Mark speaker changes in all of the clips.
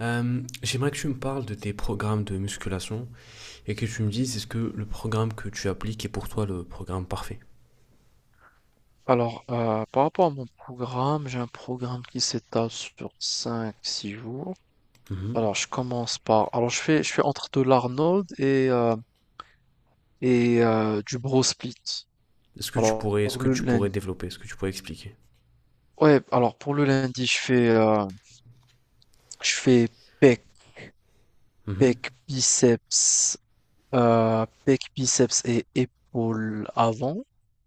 Speaker 1: J'aimerais que tu me parles de tes programmes de musculation et que tu me dises, est-ce que le programme que tu appliques est pour toi le programme parfait?
Speaker 2: Alors, par rapport à mon programme, j'ai un programme qui s'étale sur 5 6 jours.
Speaker 1: Mhm.
Speaker 2: Alors, je fais entre de l'Arnold et du bro split.
Speaker 1: Est-ce que tu
Speaker 2: Alors,
Speaker 1: pourrais,
Speaker 2: pour le lundi...
Speaker 1: développer, est-ce que tu pourrais expliquer?
Speaker 2: Ouais, alors, pour le lundi, je fais pec,
Speaker 1: Mhm.
Speaker 2: pec, biceps, pec, biceps et épaules avant.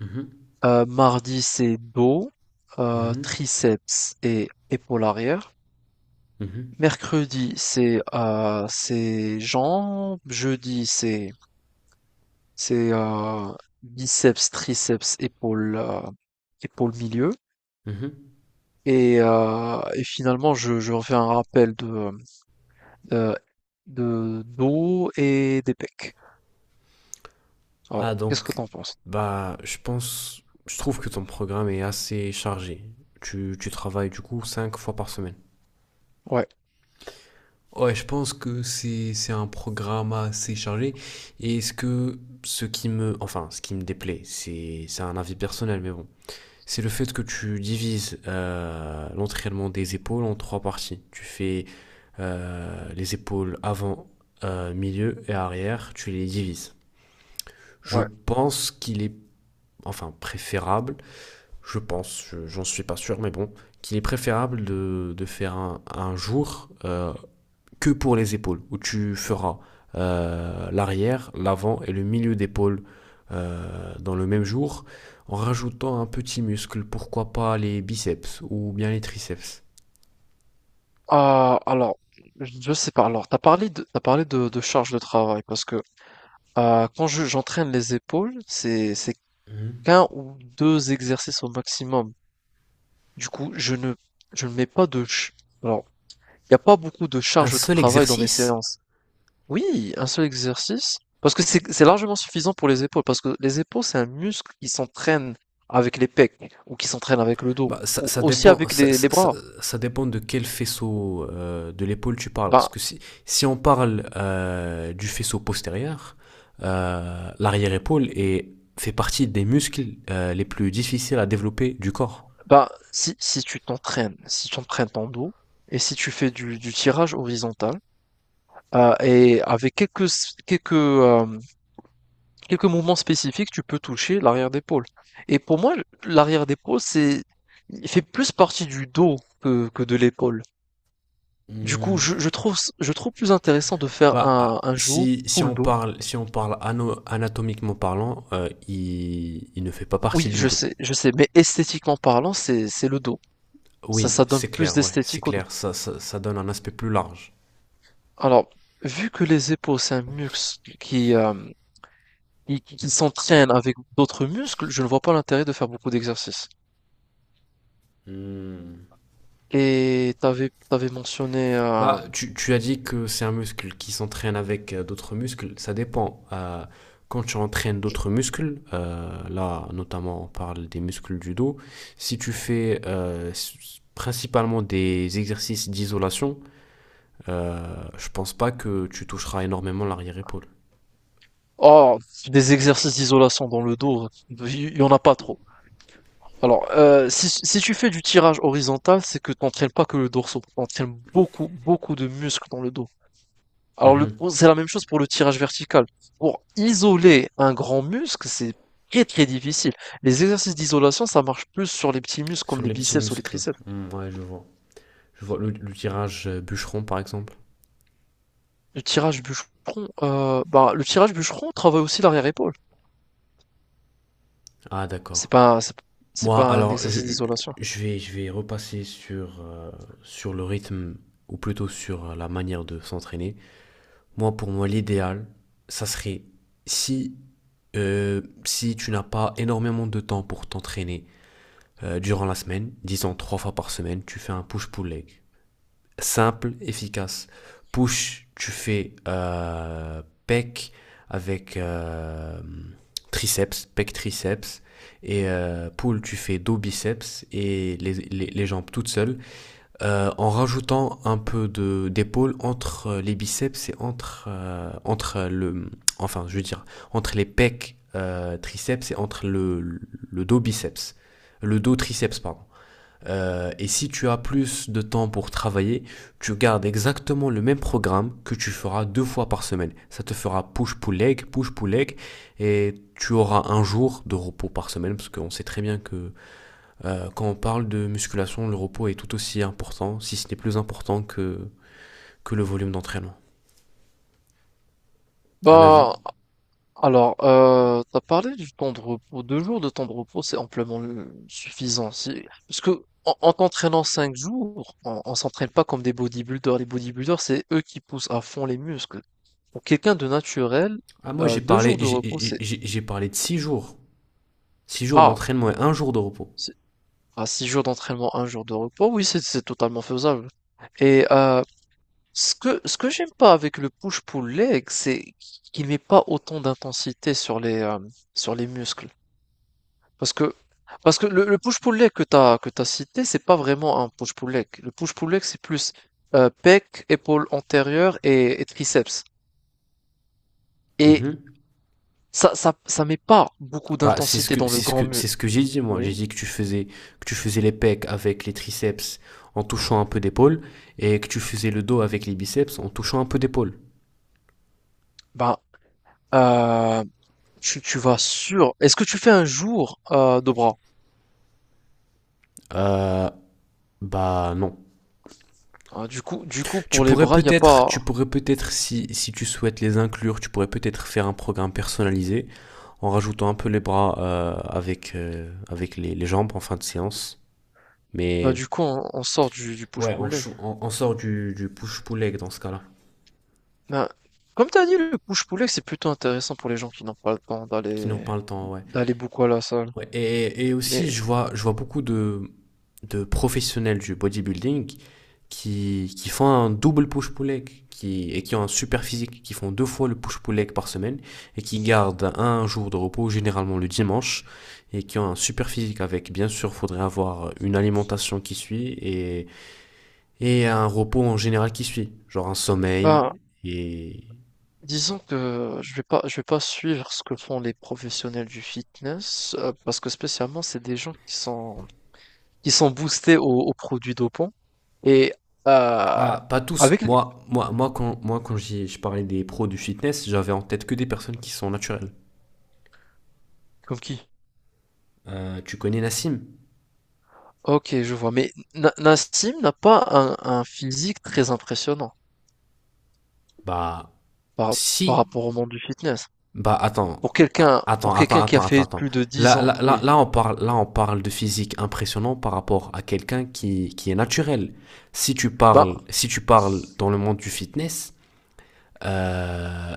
Speaker 1: Mhm.
Speaker 2: Mardi, c'est dos,
Speaker 1: Mhm.
Speaker 2: triceps et épaules arrière.
Speaker 1: Mhm.
Speaker 2: Mercredi, c'est jambes. Jeudi, c'est biceps, triceps, épaules, épaules milieu.
Speaker 1: Mhm.
Speaker 2: Et finalement, je refais un rappel euh, de dos et des pecs.
Speaker 1: Ah,
Speaker 2: Alors, qu'est-ce que
Speaker 1: donc,
Speaker 2: t'en penses?
Speaker 1: bah, je pense, je trouve que ton programme est assez chargé. Tu travailles du coup cinq fois par semaine.
Speaker 2: Ouais,
Speaker 1: Ouais, je pense que c'est un programme assez chargé. Et ce que ce qui me enfin, ce qui me déplaît, c'est un avis personnel, mais bon, c'est le fait que tu divises l'entraînement des épaules en trois parties. Tu fais les épaules avant, milieu et arrière, tu les divises. Je
Speaker 2: ouais.
Speaker 1: pense qu'il est enfin préférable, je pense, j'en suis pas sûr, mais bon, qu'il est préférable de faire un jour que pour les épaules, où tu feras l'arrière, l'avant et le milieu d'épaule dans le même jour, en rajoutant un petit muscle, pourquoi pas les biceps ou bien les triceps.
Speaker 2: Ah, alors, je sais pas. Alors, t'as parlé de charge de travail parce que quand j'entraîne les épaules, c'est
Speaker 1: Mmh.
Speaker 2: qu'un ou deux exercices au maximum. Du coup, je ne mets pas de ch- Alors, il n'y a pas beaucoup de
Speaker 1: Un
Speaker 2: charge de
Speaker 1: seul
Speaker 2: travail dans mes
Speaker 1: exercice.
Speaker 2: séances. Oui, un seul exercice parce que c'est largement suffisant pour les épaules parce que les épaules c'est un muscle qui s'entraîne avec les pecs ou qui s'entraîne avec le dos
Speaker 1: Bah, ça,
Speaker 2: ou
Speaker 1: ça
Speaker 2: aussi
Speaker 1: dépend,
Speaker 2: avec
Speaker 1: ça, ça-
Speaker 2: les
Speaker 1: ça-
Speaker 2: bras.
Speaker 1: ça dépend de quel faisceau de l'épaule tu parles.
Speaker 2: Ben,
Speaker 1: Parce que si on parle du faisceau postérieur, euh, l'arrière-épaule est- fait partie des muscles les plus difficiles à développer du corps.
Speaker 2: bah, si tu t'entraînes si tu entraînes ton dos et si tu fais du tirage horizontal, et avec quelques s quelques, hem, quelques mouvements spécifiques, tu peux toucher l'arrière d'épaule et pour moi, l'arrière d'épaule, c'est il fait plus partie du dos que de l'épaule. Du coup,
Speaker 1: Hmm.
Speaker 2: je trouve plus intéressant de faire
Speaker 1: Bah, ah,
Speaker 2: un jour
Speaker 1: si, si
Speaker 2: full
Speaker 1: on
Speaker 2: dos.
Speaker 1: parle, si on parle ano- anatomiquement parlant, il ne fait pas
Speaker 2: Oui,
Speaker 1: partie du dos.
Speaker 2: je sais, mais esthétiquement parlant, c'est le dos.
Speaker 1: Oui,
Speaker 2: Ça donne
Speaker 1: c'est
Speaker 2: plus
Speaker 1: clair, ouais, c'est
Speaker 2: d'esthétique au dos.
Speaker 1: clair. Ça donne un aspect plus large.
Speaker 2: Alors, vu que les épaules, c'est un muscle qui, hem qui s'entraînent avec d'autres muscles, je ne vois pas l'intérêt de faire beaucoup d'exercices.
Speaker 1: Hmm.
Speaker 2: Et t'avais mentionné
Speaker 1: Bah, tu as dit que c'est un muscle qui s'entraîne avec d'autres muscles. Ça dépend. Quand tu entraînes d'autres muscles, là, notamment, on parle des muscles du dos. Si tu fais principalement des exercices d'isolation, euh, je pense pas que tu toucheras énormément l'arrière-épaule.
Speaker 2: oh, des exercices d'isolation dans le dos, il y en a pas trop. Alors si tu fais du tirage horizontal, c'est que t'entraînes pas que le dorsal, tu entraînes beaucoup de muscles dans le dos. Alors le
Speaker 1: Mhm.
Speaker 2: c'est la même chose pour le tirage vertical. Pour isoler un grand muscle, c'est très très difficile. Les exercices d'isolation, ça marche plus sur les petits muscles comme
Speaker 1: Sur
Speaker 2: les
Speaker 1: les petits
Speaker 2: biceps ou les
Speaker 1: muscles.
Speaker 2: triceps.
Speaker 1: Hmm, ouais, je vois. Je vois le tirage bûcheron, par exemple.
Speaker 2: Le tirage bûcheron, bah, le tirage bûcheron travaille aussi l'arrière-épaule.
Speaker 1: Ah, d'accord.
Speaker 2: C'est pas un- c'est
Speaker 1: Moi,
Speaker 2: pas un
Speaker 1: alors,
Speaker 2: exercice d'isolation.
Speaker 1: je vais repasser sur le rythme, ou plutôt sur la manière de s'entraîner. Moi, pour moi, l'idéal, ça serait si, si tu n'as pas énormément de temps pour t'entraîner durant la semaine, disons trois fois par semaine, tu fais un push-pull leg simple, efficace. Push, tu fais pec avec triceps, pec triceps. Et pull, tu fais dos biceps et les jambes toutes seules, en rajoutant un peu de d'épaule entre les biceps et enfin, je veux dire, entre les pecs triceps et entre le dos biceps, le dos triceps pardon. Et si tu as plus de temps pour travailler, tu gardes exactement le même programme que tu feras deux fois par semaine. Ça te fera push-pull-leg, push-pull-leg, et tu auras un jour de repos par semaine, parce qu'on sait très bien que quand on parle de musculation, le repos est tout aussi important, si ce n'est plus important que le volume d'entraînement. Un avis
Speaker 2: Bah, alors, tu parlé du temps de repos. 2 jours de temps de repos, c'est amplement, suffisant. C'est parce que en t'entraînant 5 jours, on s'entraîne pas comme des bodybuilders. Les bodybuilders, c'est eux qui poussent à fond les muscles. Pour quelqu'un de naturel,
Speaker 1: Ah, moi j'ai
Speaker 2: 2
Speaker 1: parlé,
Speaker 2: jours de repos,
Speaker 1: j'ai-
Speaker 2: c'est
Speaker 1: j'ai j'ai parlé de 6 jours. 6 jours
Speaker 2: ah,
Speaker 1: d'entraînement et un jour de repos.
Speaker 2: c'est à 6 jours d'entraînement, un jour de repos, oui, c'est totalement faisable et heu Ce que j'aime pas avec le push-pull leg, c'est qu'il met pas autant d'intensité sur les, sur les muscles. Parce que le push-pull leg que t'as cité, c'est pas vraiment un push-pull leg. Le push-pull leg, c'est plus, pec, épaule antérieure et triceps. Et
Speaker 1: Mhm.
Speaker 2: ça met pas beaucoup
Speaker 1: Bah, c'est ce
Speaker 2: d'intensité
Speaker 1: que
Speaker 2: dans le
Speaker 1: c'est ce que
Speaker 2: grand
Speaker 1: c'est
Speaker 2: muscle.
Speaker 1: ce que j'ai dit, moi.
Speaker 2: Oui?
Speaker 1: J'ai dit que tu faisais les pecs avec les triceps en touchant un peu d'épaule et que tu faisais le dos avec les biceps en touchant un peu d'épaule.
Speaker 2: Bah, heu, tu vas sur est-ce que tu fais un jour, de bras?
Speaker 1: Euh, Bah, non.
Speaker 2: Ah, du coup, pour les bras, il y a pas.
Speaker 1: Tu pourrais peut-être, si tu souhaites les inclure, tu pourrais peut-être faire un programme personnalisé en rajoutant un peu les bras avec les jambes en fin de séance.
Speaker 2: Bah,
Speaker 1: Mais
Speaker 2: du coup, on sort du
Speaker 1: ouais, on,
Speaker 2: push-pull leg.
Speaker 1: chou- on, on sort du push-pull leg dans ce cas-là.
Speaker 2: Bah, comme t'as dit, le push-pull leg, c'est plutôt intéressant pour les gens qui n'ont pas le temps
Speaker 1: Qui n'en
Speaker 2: d'aller
Speaker 1: parle tant, ouais.
Speaker 2: beaucoup à la salle.
Speaker 1: Ouais, et
Speaker 2: Mais
Speaker 1: aussi, je vois beaucoup de professionnels du bodybuilding qui font un double push-pull leg et qui ont un super physique, qui font deux fois le push-pull leg par semaine et qui gardent un jour de repos, généralement le dimanche, et qui ont un super physique avec. Bien sûr, faudrait avoir une alimentation qui suit et un repos en général qui suit, genre un
Speaker 2: bah,
Speaker 1: sommeil et...
Speaker 2: disons que je vais pas suivre ce que font les professionnels du fitness parce que spécialement, c'est des gens qui sont boostés aux, aux produits dopants et euh,
Speaker 1: Ah, pas tous.
Speaker 2: avec les-
Speaker 1: Moi, moi, moi, quand, moi, je parlais des pros du fitness, j'avais en tête que des personnes qui sont naturelles.
Speaker 2: comme qui?
Speaker 1: Tu connais Nassim?
Speaker 2: Ok, je vois. Mais Na- Nassim n'a pas un physique très impressionnant
Speaker 1: Bah,
Speaker 2: par, par
Speaker 1: si.
Speaker 2: rapport au monde du fitness.
Speaker 1: Bah, attends.
Speaker 2: Pour
Speaker 1: Attends, attends,
Speaker 2: quelqu'un qui a
Speaker 1: attends, attends,
Speaker 2: fait
Speaker 1: attends.
Speaker 2: plus de 10
Speaker 1: Là,
Speaker 2: ans,
Speaker 1: là, là,
Speaker 2: oui.
Speaker 1: là, on parle de physique impressionnant par rapport à quelqu'un qui est naturel.
Speaker 2: Bah,
Speaker 1: Si tu parles dans le monde du fitness, euh,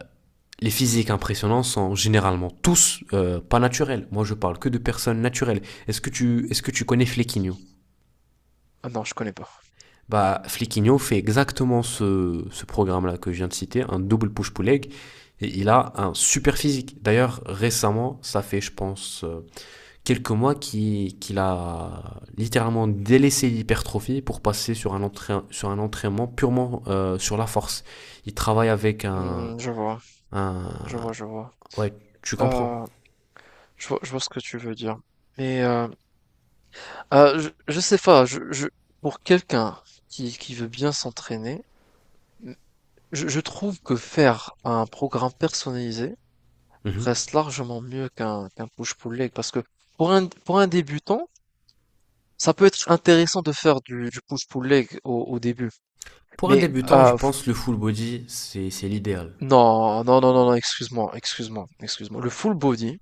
Speaker 1: les physiques impressionnants sont généralement tous pas naturels. Moi, je parle que de personnes naturelles. Est-ce que tu connais Flequinho?
Speaker 2: ah non, je connais pas.
Speaker 1: Bah, Fliquinho fait exactement ce programme-là que je viens de citer, un double push-pull leg, et il a un super physique. D'ailleurs, récemment, ça fait, je pense, quelques mois qu'il a littéralement délaissé l'hypertrophie pour passer sur un entraînement purement sur la force. Il travaille avec
Speaker 2: Hmm, je vois,
Speaker 1: un...
Speaker 2: je vois, je vois.
Speaker 1: Ouais, tu comprends.
Speaker 2: Euh, je vois, je vois ce que tu veux dire. Mais je sais pas. Pour quelqu'un qui, veut bien s'entraîner, je trouve que faire un programme personnalisé
Speaker 1: Mhm.
Speaker 2: reste largement mieux qu'un push-pull leg parce que pour un débutant, ça peut être intéressant de faire du push-pull leg au début,
Speaker 1: Pour un
Speaker 2: mais
Speaker 1: débutant, je pense que le full body, c'est l'idéal.
Speaker 2: non, non, non, non, non, excuse-moi, excuse-moi, excuse-moi.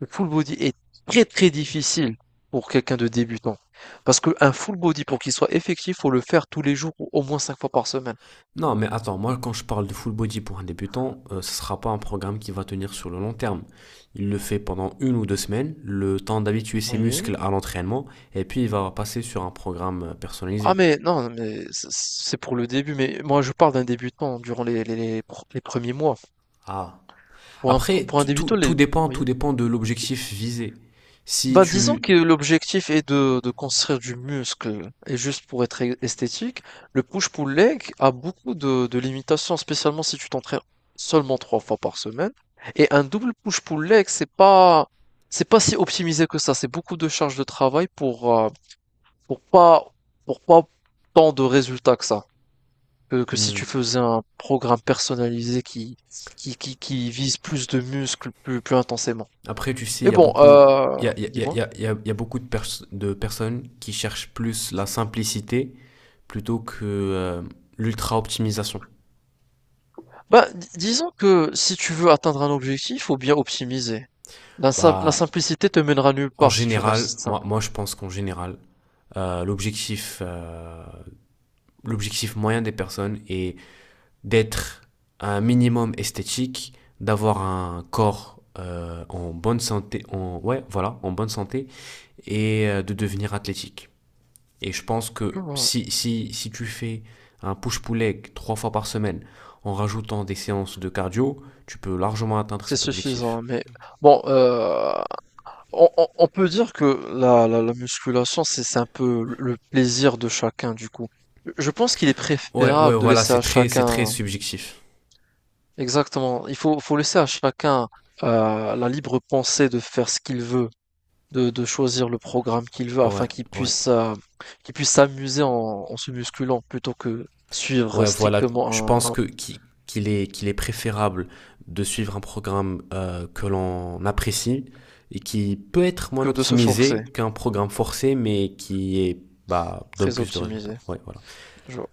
Speaker 2: Le full body est très très difficile pour quelqu'un de débutant. Parce qu'un full body, pour qu'il soit effectif, faut le faire tous les jours ou au moins cinq fois par semaine.
Speaker 1: Non, mais attends, moi, quand je parle de full body pour un débutant, ce ne sera pas un programme qui va tenir sur le long terme. Il le fait pendant 1 ou 2 semaines, le temps d'habituer ses
Speaker 2: Oui.
Speaker 1: muscles à l'entraînement, et puis il va passer sur un programme
Speaker 2: Ah
Speaker 1: personnalisé.
Speaker 2: mais non, mais c- c'est pour le début, mais moi je parle d'un débutant durant les premiers mois.
Speaker 1: Ah,
Speaker 2: Pour un,
Speaker 1: après,
Speaker 2: pour un débutant, les...
Speaker 1: tout
Speaker 2: oui.
Speaker 1: dépend de l'objectif visé. Si
Speaker 2: Ben, disons que
Speaker 1: tu...
Speaker 2: l'objectif est de construire du muscle. Et juste pour être e- esthétique, le push-pull leg a beaucoup de limitations, spécialement si tu t'entraînes seulement trois fois par semaine. Et un double push-pull leg, c'est pas si optimisé que ça. C'est beaucoup de charges de travail pour, pour pas, pour pas tant de résultats que ça. Que si tu
Speaker 1: Hmm.
Speaker 2: faisais un programme personnalisé qui vise plus de muscles plus, plus intensément.
Speaker 1: Après, tu sais,
Speaker 2: Mais bon, dis-moi.
Speaker 1: il y a beaucoup de personnes qui cherchent plus la simplicité plutôt que l'ultra-optimisation.
Speaker 2: Bah, di- disons que si tu veux atteindre un objectif, faut bien optimiser. La, sim- la
Speaker 1: Bah,
Speaker 2: simplicité te mènera nulle
Speaker 1: en
Speaker 2: part si tu
Speaker 1: général,
Speaker 2: restes
Speaker 1: moi,
Speaker 2: simple.
Speaker 1: moi je pense qu'en général, euh, l'objectif, euh, l'objectif moyen des personnes est d'être un minimum esthétique, d'avoir un corps en bonne santé, ouais, voilà, en bonne santé, et de devenir athlétique. Et je pense
Speaker 2: Tu
Speaker 1: que
Speaker 2: vois,
Speaker 1: si tu fais un push-pull leg trois fois par semaine en rajoutant des séances de cardio, tu peux largement atteindre
Speaker 2: c'est
Speaker 1: cet objectif.
Speaker 2: suffisant. Mais bon, on peut dire que la musculation, c'est un peu le plaisir de chacun, du coup. Je pense qu'il est
Speaker 1: Ouais, ouais,
Speaker 2: préférable de
Speaker 1: voilà,
Speaker 2: laisser à
Speaker 1: c'est très
Speaker 2: chacun,
Speaker 1: subjectif.
Speaker 2: exactement, il faut, faut laisser à chacun la libre pensée de faire ce qu'il veut. De choisir le programme qu'il veut afin
Speaker 1: Ouais, ouais.
Speaker 2: qu'il puisse s'amuser en, en se musculant plutôt que suivre
Speaker 1: Ouais, voilà,
Speaker 2: strictement
Speaker 1: je pense
Speaker 2: un-
Speaker 1: que qui- qu'il est préférable de suivre un programme que l'on apprécie et qui peut être moins
Speaker 2: que de se forcer.
Speaker 1: optimisé qu'un programme forcé, mais qui, est, bah, donne
Speaker 2: Très
Speaker 1: plus de résultats.
Speaker 2: optimisé.
Speaker 1: Ouais, voilà.
Speaker 2: Je vois.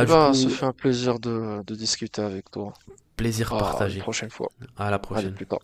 Speaker 2: Eh
Speaker 1: du
Speaker 2: ben, ce
Speaker 1: coup,
Speaker 2: fut un plaisir de discuter avec toi.
Speaker 1: plaisir
Speaker 2: À une
Speaker 1: partagé.
Speaker 2: prochaine fois.
Speaker 1: À la
Speaker 2: Allez,
Speaker 1: prochaine.
Speaker 2: plus tard.